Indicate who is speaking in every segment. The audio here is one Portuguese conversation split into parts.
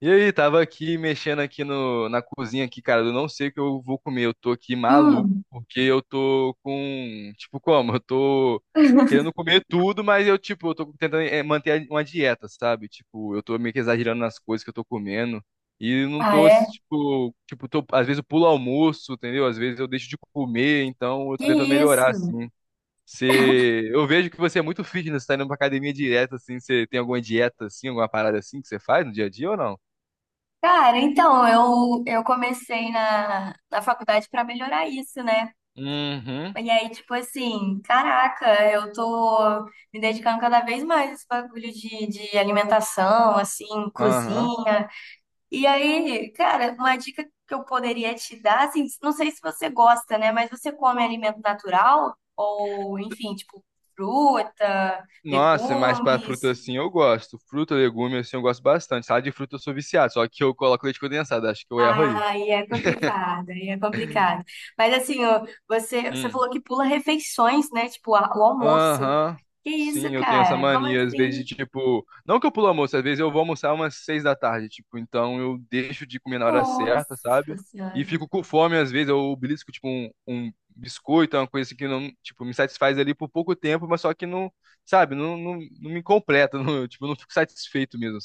Speaker 1: E aí, tava aqui mexendo aqui no, na cozinha aqui, cara. Eu não sei o que eu vou comer. Eu tô aqui maluco,
Speaker 2: Hum.
Speaker 1: porque eu tô com, tipo, como? Eu tô querendo comer tudo, mas eu, tipo, eu tô tentando manter uma dieta, sabe? Tipo, eu tô meio que exagerando nas coisas que eu tô comendo. E não
Speaker 2: Ah,
Speaker 1: tô,
Speaker 2: é?
Speaker 1: tipo, tô, às vezes eu pulo almoço, entendeu? Às vezes eu deixo de comer, então eu
Speaker 2: Que
Speaker 1: tô tentando melhorar,
Speaker 2: isso?
Speaker 1: assim. Você, eu vejo que você é muito fitness, tá indo pra academia direto, assim. Você tem alguma dieta, assim, alguma parada assim que você faz no dia a dia ou não?
Speaker 2: Cara, então, eu comecei na faculdade para melhorar isso, né?
Speaker 1: Uhum.
Speaker 2: E aí, tipo assim, caraca, eu tô me dedicando cada vez mais a esse bagulho de alimentação, assim,
Speaker 1: Aham.
Speaker 2: cozinha. E aí, cara, uma dica que eu poderia te dar, assim, não sei se você gosta, né? Mas você come alimento natural? Ou, enfim, tipo, fruta,
Speaker 1: Nossa, mas pra fruta
Speaker 2: legumes?
Speaker 1: assim eu gosto. Fruta, legume assim eu gosto bastante. Salada de fruta eu sou viciado, só que eu coloco leite condensado, acho que eu erro aí.
Speaker 2: Aí é complicado, aí é complicado. Mas assim, ó, você
Speaker 1: Hum.
Speaker 2: falou que pula refeições, né? Tipo, o almoço.
Speaker 1: Aham.
Speaker 2: Que isso,
Speaker 1: Sim, eu tenho essa
Speaker 2: cara? Como
Speaker 1: mania, às vezes,
Speaker 2: assim?
Speaker 1: de tipo. Não que eu pulo almoço, às vezes eu vou almoçar umas seis da tarde, tipo, então eu deixo de comer na hora certa,
Speaker 2: Nossa
Speaker 1: sabe? E
Speaker 2: Senhora.
Speaker 1: fico com fome, às vezes, eu belisco, tipo, um biscoito, uma coisa assim que não, tipo, me satisfaz ali por pouco tempo, mas só que não, sabe, não me completa, não, tipo, eu não fico satisfeito mesmo.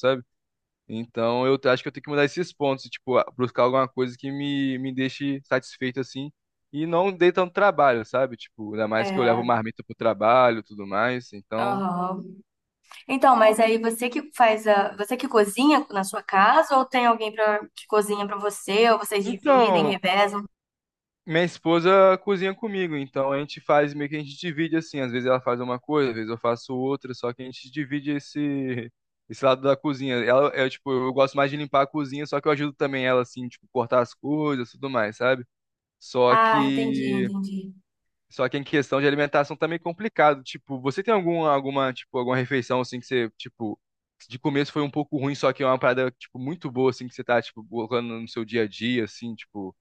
Speaker 1: Então eu acho que eu tenho que mudar esses pontos, e, tipo, buscar alguma coisa que me deixe satisfeito assim e não dê tanto trabalho, sabe? Tipo, ainda mais que eu levo
Speaker 2: É,
Speaker 1: marmita pro trabalho, e tudo mais. Então,
Speaker 2: aham. Então, mas aí você que faz a, você que cozinha na sua casa ou tem alguém pra, que cozinha pra você, ou vocês dividem,
Speaker 1: então,
Speaker 2: revezam?
Speaker 1: minha esposa cozinha comigo, então a gente faz meio que a gente divide assim, às vezes ela faz uma coisa, às vezes eu faço outra, só que a gente divide esse lado da cozinha. Ela é tipo, eu gosto mais de limpar a cozinha, só que eu ajudo também ela assim, tipo, cortar as coisas, tudo mais, sabe? Só
Speaker 2: Ah, entendi,
Speaker 1: que
Speaker 2: entendi.
Speaker 1: só que em questão de alimentação também é complicado. Tipo, você tem tipo, alguma refeição assim que você, tipo, de começo foi um pouco ruim, só que é uma parada, tipo, muito boa, assim, que você tá, tipo, colocando no seu dia a dia, assim, tipo.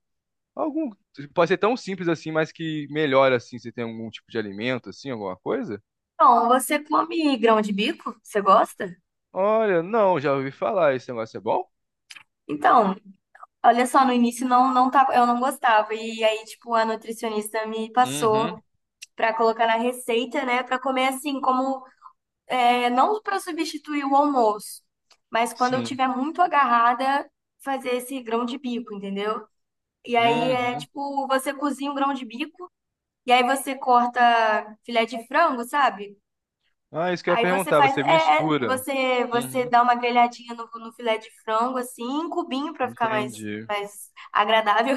Speaker 1: Algum. Pode ser tão simples assim, mas que melhora, assim, você tem algum tipo de alimento, assim, alguma coisa?
Speaker 2: Então, você come grão de bico? Você gosta?
Speaker 1: Olha, não, já ouvi falar, esse negócio é bom?
Speaker 2: Então, olha só, no início não, não tava, eu não gostava. E aí, tipo, a nutricionista me passou
Speaker 1: Uhum,
Speaker 2: pra colocar na receita, né? Pra comer assim, como é, não pra substituir o almoço, mas quando eu
Speaker 1: sim.
Speaker 2: tiver muito agarrada, fazer esse grão de bico, entendeu? E aí é
Speaker 1: Uhum.
Speaker 2: tipo, você cozinha um grão de bico e aí você corta filé de frango, sabe?
Speaker 1: Ah, isso que eu ia
Speaker 2: Aí você
Speaker 1: perguntar,
Speaker 2: faz,
Speaker 1: você
Speaker 2: é, é,
Speaker 1: mistura.
Speaker 2: você
Speaker 1: Uhum.
Speaker 2: dá uma grelhadinha no, no filé de frango assim, em cubinho pra ficar mais
Speaker 1: Entendi.
Speaker 2: mais agradável.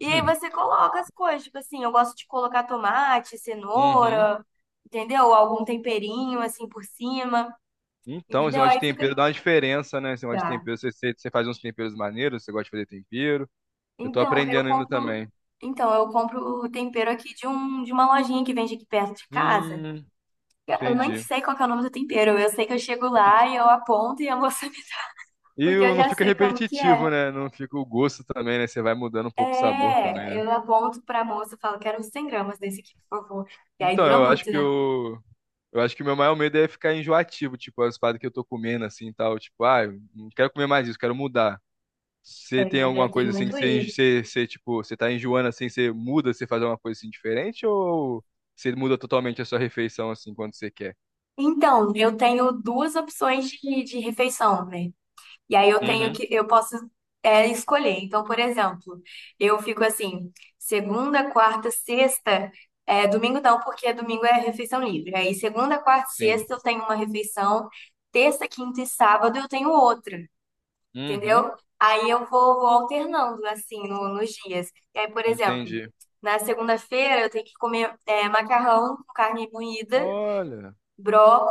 Speaker 2: E aí você coloca as coisas, tipo assim, eu gosto de colocar tomate,
Speaker 1: Uhum.
Speaker 2: cenoura, entendeu? Algum temperinho assim por cima,
Speaker 1: Então, esse
Speaker 2: entendeu?
Speaker 1: negócio de
Speaker 2: Aí fica.
Speaker 1: tempero dá uma diferença, né? Esse negócio de
Speaker 2: Dá.
Speaker 1: tempero, você faz uns temperos maneiros, você gosta de fazer tempero. Eu tô
Speaker 2: Então, eu
Speaker 1: aprendendo ainda
Speaker 2: compro.
Speaker 1: também.
Speaker 2: Então, eu compro o tempero aqui de, um, de uma lojinha que vende aqui perto de casa.
Speaker 1: Hum,
Speaker 2: Eu nem
Speaker 1: entendi.
Speaker 2: sei qual que é o nome do tempero. Eu sei que eu chego lá e eu aponto e a moça. Porque eu
Speaker 1: Não
Speaker 2: já
Speaker 1: fica
Speaker 2: sei como que é.
Speaker 1: repetitivo, né? Não fica o gosto também, né? Você vai mudando um pouco o sabor também,
Speaker 2: É,
Speaker 1: né?
Speaker 2: eu aponto pra moça e falo, quero uns 100 g desse aqui, por favor. E aí
Speaker 1: Então,
Speaker 2: dura muito, né?
Speaker 1: eu acho que o meu maior medo é ficar enjoativo, tipo, as paradas que eu tô comendo assim e tal, tipo, ah, eu não quero comer mais isso, quero mudar. Você tem
Speaker 2: É,
Speaker 1: alguma
Speaker 2: tem
Speaker 1: coisa assim que
Speaker 2: muito
Speaker 1: você,
Speaker 2: isso.
Speaker 1: enjo- você, você, tipo, você tá enjoando assim, você muda, você faz alguma coisa assim diferente ou você muda totalmente a sua refeição assim quando você quer?
Speaker 2: Então, eu tenho duas opções de refeição, né? E aí eu tenho
Speaker 1: Uhum.
Speaker 2: que, eu posso é, escolher. Então, por exemplo, eu fico assim, segunda, quarta, sexta, é, domingo não, porque domingo é refeição livre. Aí segunda, quarta,
Speaker 1: Sim,
Speaker 2: sexta eu tenho uma refeição, terça, quinta e sábado eu tenho outra,
Speaker 1: uhum,
Speaker 2: entendeu? Aí eu vou, vou alternando assim nos dias. E aí, por exemplo,
Speaker 1: entendi.
Speaker 2: na segunda-feira eu tenho que comer é, macarrão com carne moída
Speaker 1: Olha,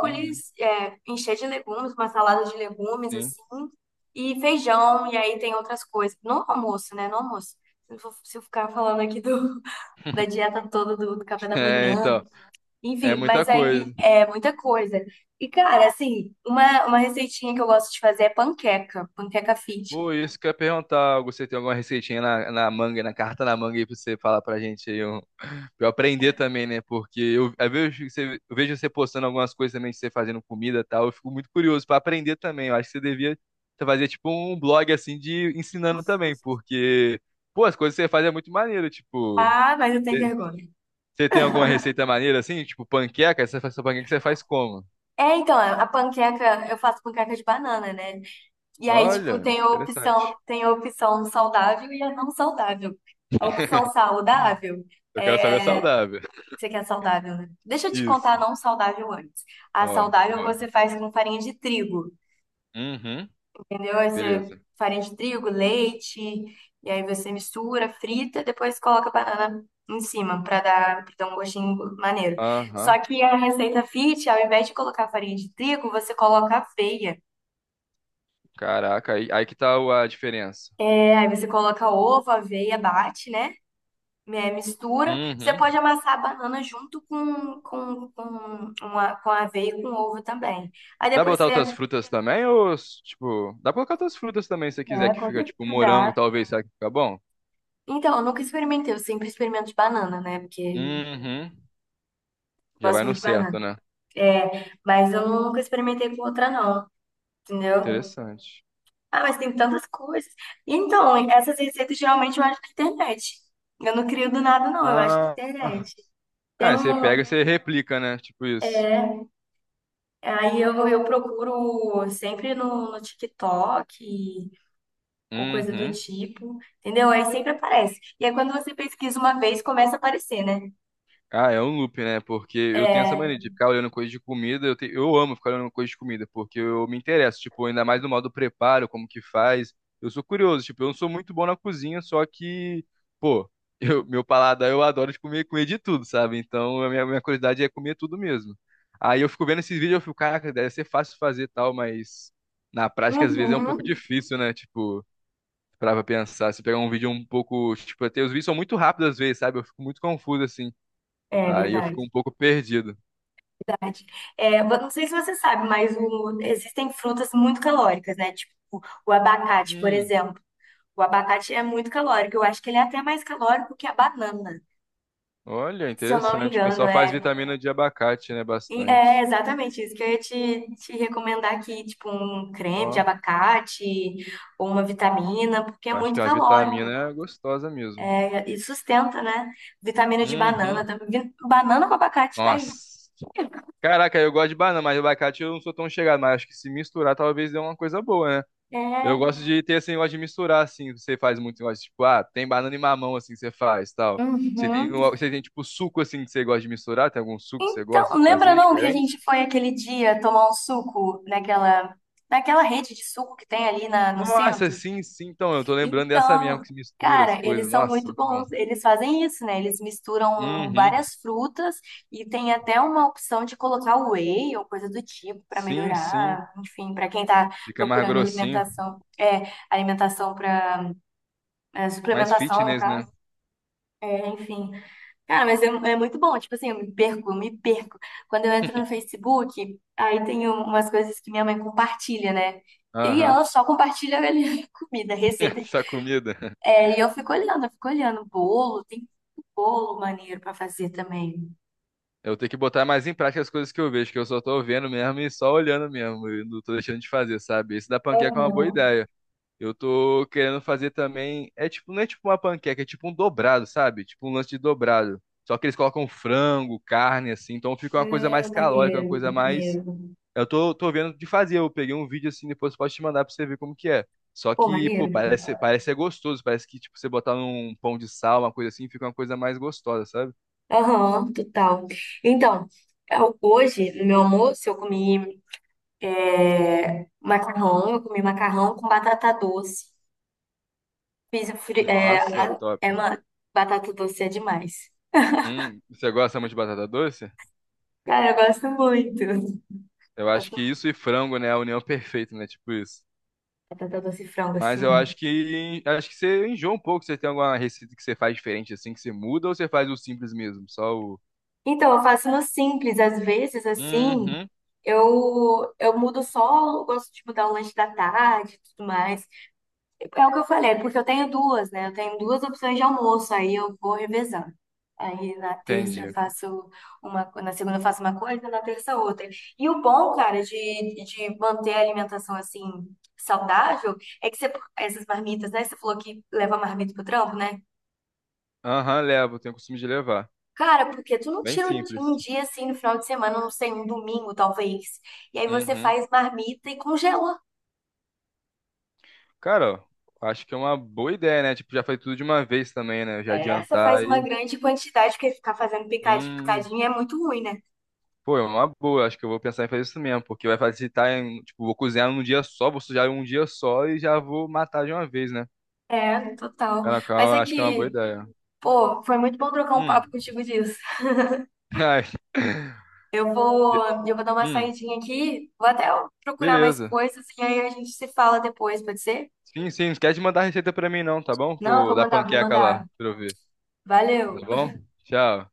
Speaker 1: uhum,
Speaker 2: é, encher de legumes, uma salada de legumes,
Speaker 1: sim.
Speaker 2: assim, e feijão, e aí tem outras coisas. No almoço, né? No almoço. Se eu se eu ficar falando aqui do, da dieta toda, do, do café da
Speaker 1: É,
Speaker 2: manhã,
Speaker 1: então, é
Speaker 2: enfim,
Speaker 1: muita
Speaker 2: mas aí
Speaker 1: coisa.
Speaker 2: é muita coisa. E, cara, assim, uma receitinha que eu gosto de fazer é panqueca, panqueca fit.
Speaker 1: Pô, isso que eu ia perguntar, Augusto, você tem alguma receitinha na manga, na carta na manga aí pra você falar pra gente aí, um, pra eu aprender também, né? Porque eu, às vezes eu, eu vejo você postando algumas coisas também, de você fazendo comida e tal. Eu fico muito curioso pra aprender também. Eu acho que você fazer tipo um blog assim de ensinando também, porque, pô, as coisas que você faz é muito maneiro. Tipo,
Speaker 2: Ah, mas eu tenho
Speaker 1: você
Speaker 2: vergonha.
Speaker 1: você tem alguma receita maneira assim? Tipo, panqueca? Você faz sua panqueca, você faz como?
Speaker 2: É, então, a panqueca, eu faço panqueca de banana, né? E aí, tipo,
Speaker 1: Olha, interessante.
Speaker 2: tem a opção saudável e a não saudável. A opção saudável
Speaker 1: Eu quero saber é
Speaker 2: é.
Speaker 1: saudável.
Speaker 2: Você quer saudável, né? Deixa eu te contar a
Speaker 1: Isso.
Speaker 2: não saudável antes. A
Speaker 1: Ó,
Speaker 2: saudável
Speaker 1: boa.
Speaker 2: você faz com farinha de trigo,
Speaker 1: Uhum,
Speaker 2: entendeu? Aí você
Speaker 1: beleza.
Speaker 2: farinha de trigo, leite, e aí você mistura, frita, depois coloca a banana em cima pra dar um gostinho maneiro. Só
Speaker 1: Aham.
Speaker 2: que a receita fit, ao invés de colocar farinha de trigo, você coloca aveia.
Speaker 1: Caraca, aí que tá a diferença.
Speaker 2: É, aí você coloca ovo, aveia, bate, né? Né, mistura. Você
Speaker 1: Uhum.
Speaker 2: pode amassar a banana junto com, uma, com a aveia e com ovo também. Aí
Speaker 1: Dá pra
Speaker 2: depois
Speaker 1: botar outras
Speaker 2: você.
Speaker 1: frutas também? Ou, tipo, dá pra colocar outras frutas também se você quiser
Speaker 2: É,
Speaker 1: que
Speaker 2: com
Speaker 1: fica, tipo,
Speaker 2: certeza
Speaker 1: morango,
Speaker 2: dá.
Speaker 1: talvez, será que fica bom?
Speaker 2: Então, eu nunca experimentei, eu sempre experimento de banana, né? Porque
Speaker 1: Uhum.
Speaker 2: eu
Speaker 1: Já
Speaker 2: gosto
Speaker 1: vai no
Speaker 2: muito de
Speaker 1: certo,
Speaker 2: banana.
Speaker 1: né?
Speaker 2: É, mas eu nunca experimentei com outra, não. Entendeu?
Speaker 1: Interessante.
Speaker 2: Ah, mas tem tantas coisas. Então, essas receitas geralmente eu acho na internet. Eu não crio do nada, não, eu acho na
Speaker 1: Ah,
Speaker 2: internet. Tem
Speaker 1: ah, você
Speaker 2: um.
Speaker 1: pega e você replica, né? Tipo isso.
Speaker 2: Aí eu procuro sempre no, no TikTok, ou coisa do
Speaker 1: Uhum.
Speaker 2: tipo, entendeu? Aí sempre aparece. E aí quando você pesquisa uma vez, começa a aparecer, né?
Speaker 1: Ah, é um loop, né? Porque eu tenho essa mania de ficar olhando coisa de comida. Eu amo ficar olhando coisa de comida, porque eu me interesso, tipo, ainda mais no modo preparo, como que faz. Eu sou curioso, tipo, eu não sou muito bom na cozinha, só que, pô, eu, meu paladar eu adoro de comer, comer de tudo, sabe? Então a minha curiosidade é comer tudo mesmo. Aí eu fico vendo esses vídeos, eu fico, caraca, deve ser fácil fazer e tal, mas na prática às vezes é um pouco
Speaker 2: Uhum.
Speaker 1: difícil, né? Tipo, pra pensar, se pegar um vídeo um pouco, tipo, até os vídeos são muito rápidos às vezes, sabe? Eu fico muito confuso assim.
Speaker 2: É
Speaker 1: Aí eu
Speaker 2: verdade.
Speaker 1: fico um pouco perdido.
Speaker 2: Verdade. É, mas não sei se você sabe, mas existem frutas muito calóricas, né? Tipo o abacate, por
Speaker 1: Hum,
Speaker 2: exemplo. O abacate é muito calórico. Eu acho que ele é até mais calórico que a banana,
Speaker 1: olha,
Speaker 2: se eu não me
Speaker 1: interessante. O
Speaker 2: engano.
Speaker 1: pessoal faz
Speaker 2: É,
Speaker 1: vitamina de abacate, né?
Speaker 2: e é
Speaker 1: Bastante.
Speaker 2: exatamente isso que eu ia te, te recomendar aqui, tipo um creme de
Speaker 1: Ó,
Speaker 2: abacate ou uma vitamina, porque é
Speaker 1: acho que
Speaker 2: muito
Speaker 1: a
Speaker 2: calórico.
Speaker 1: vitamina é gostosa mesmo.
Speaker 2: E sustenta, né? Vitamina de banana.
Speaker 1: Uhum.
Speaker 2: Banana com abacate tá
Speaker 1: Nossa.
Speaker 2: aí.
Speaker 1: Caraca, eu gosto de banana, mas abacate eu não sou tão chegado, mas acho que se misturar talvez dê uma coisa boa, né? Eu
Speaker 2: É.
Speaker 1: gosto de ter esse negócio de misturar, assim, você faz muito negócio, tipo, ah, tem banana e mamão, assim, que você faz, tal. Você tem,
Speaker 2: Uhum.
Speaker 1: você tem, tipo, suco, assim, que você gosta de misturar? Tem algum suco que você
Speaker 2: Então,
Speaker 1: gosta de
Speaker 2: lembra
Speaker 1: fazer
Speaker 2: não que a
Speaker 1: diferente?
Speaker 2: gente foi aquele dia tomar um suco naquela, naquela rede de suco que tem ali na, no
Speaker 1: Nossa,
Speaker 2: centro?
Speaker 1: sim, sim. Então, eu tô lembrando dessa mesmo
Speaker 2: Então,
Speaker 1: que se mistura as
Speaker 2: cara, eles
Speaker 1: coisas.
Speaker 2: são
Speaker 1: Nossa,
Speaker 2: muito
Speaker 1: muito bom.
Speaker 2: bons. Eles fazem isso, né? Eles misturam
Speaker 1: Uhum.
Speaker 2: várias frutas e tem até uma opção de colocar whey ou coisa do tipo para
Speaker 1: Sim, sim.
Speaker 2: melhorar. Enfim, para quem tá
Speaker 1: Fica mais
Speaker 2: procurando
Speaker 1: grossinho.
Speaker 2: alimentação, é, alimentação para é,
Speaker 1: Mais
Speaker 2: suplementação, no
Speaker 1: fitness, né?
Speaker 2: caso. É, enfim. Cara, mas é, é muito bom. Tipo assim, eu me perco, eu me perco. Quando eu entro no Facebook, aí tem umas coisas que minha mãe compartilha, né? E
Speaker 1: Aham.
Speaker 2: ela só compartilha ali, comida, receita.
Speaker 1: Essa comida.
Speaker 2: É, e eu fico olhando, eu fico olhando. Bolo, tem bolo maneiro pra fazer também.
Speaker 1: Eu tenho que botar mais em prática as coisas que eu vejo, que eu só tô vendo mesmo e só olhando mesmo. E não tô deixando de fazer, sabe? Esse da panqueca é uma boa
Speaker 2: Aham.
Speaker 1: ideia. Eu tô querendo fazer também. É tipo, não é tipo uma panqueca, é tipo um dobrado, sabe? Tipo um lance de dobrado. Só que eles colocam frango, carne, assim. Então fica uma coisa
Speaker 2: É,
Speaker 1: mais calórica, uma
Speaker 2: maneiro,
Speaker 1: coisa mais...
Speaker 2: maneiro.
Speaker 1: Eu tô vendo de fazer. Eu peguei um vídeo assim, depois eu posso te mandar pra você ver como que é. Só
Speaker 2: Pô,
Speaker 1: que, pô,
Speaker 2: maneiro.
Speaker 1: parece ser gostoso. Parece que, tipo, você botar num pão de sal, uma coisa assim, fica uma coisa mais gostosa, sabe?
Speaker 2: Aham, total. Então, hoje, no meu almoço, eu comi. É, macarrão, eu comi macarrão com batata doce. Fiz o é,
Speaker 1: Nossa, top.
Speaker 2: é uma, batata doce é demais.
Speaker 1: Você gosta muito de batata doce?
Speaker 2: Cara, eu gosto muito.
Speaker 1: Eu acho
Speaker 2: Gosto
Speaker 1: que
Speaker 2: muito
Speaker 1: isso e frango, né, é a união perfeita, né? Tipo isso.
Speaker 2: de batata doce e frango,
Speaker 1: Mas
Speaker 2: assim.
Speaker 1: eu acho que você enjoa um pouco. Você tem alguma receita que você faz diferente assim, que você muda, ou você faz o simples mesmo? Só o.
Speaker 2: Então, eu faço no simples, às vezes, assim,
Speaker 1: Uhum,
Speaker 2: eu mudo só, eu gosto de mudar o lanche da tarde e tudo mais. É o que eu falei, porque eu tenho duas, né? Eu tenho duas opções de almoço, aí eu vou revezando. Aí na terça eu
Speaker 1: entendi.
Speaker 2: faço uma, na segunda eu faço uma coisa, na terça outra. E o bom, cara, de manter a alimentação assim saudável é que você, essas marmitas, né? Você falou que leva marmita pro trampo, né?
Speaker 1: Aham, levo, tenho o costume de levar.
Speaker 2: Cara, porque tu não
Speaker 1: Bem
Speaker 2: tira
Speaker 1: simples.
Speaker 2: um dia assim no final de semana, não sei, um domingo talvez. E aí você
Speaker 1: Uhum.
Speaker 2: faz marmita e congela.
Speaker 1: Cara, acho que é uma boa ideia, né? Tipo, já foi tudo de uma vez também, né? Já
Speaker 2: É, você faz
Speaker 1: adiantar
Speaker 2: uma
Speaker 1: e.
Speaker 2: grande quantidade, porque ficar fazendo picadinho,
Speaker 1: Hum.
Speaker 2: picadinho é muito ruim, né?
Speaker 1: Pô, é uma boa. Acho que eu vou pensar em fazer isso mesmo, porque vai facilitar em. Tipo, vou cozinhar num dia só, vou sujar em um dia só e já vou matar de uma vez, né?
Speaker 2: É, total.
Speaker 1: Caraca,
Speaker 2: Mas
Speaker 1: eu
Speaker 2: é
Speaker 1: acho que é uma boa
Speaker 2: que,
Speaker 1: ideia.
Speaker 2: pô, foi muito bom trocar um papo
Speaker 1: Hum.
Speaker 2: contigo disso.
Speaker 1: Ai.
Speaker 2: Eu vou dar uma
Speaker 1: Hum.
Speaker 2: saidinha aqui, vou até procurar mais
Speaker 1: Beleza.
Speaker 2: coisas e aí a gente se fala depois, pode ser?
Speaker 1: Sim, sim. Não esquece de mandar a receita pra mim, não, tá bom?
Speaker 2: Não,
Speaker 1: Eu,
Speaker 2: vou
Speaker 1: da
Speaker 2: mandar, vou
Speaker 1: panqueca lá,
Speaker 2: mandar.
Speaker 1: pra eu ver. Tá
Speaker 2: Valeu.
Speaker 1: bom? Tchau.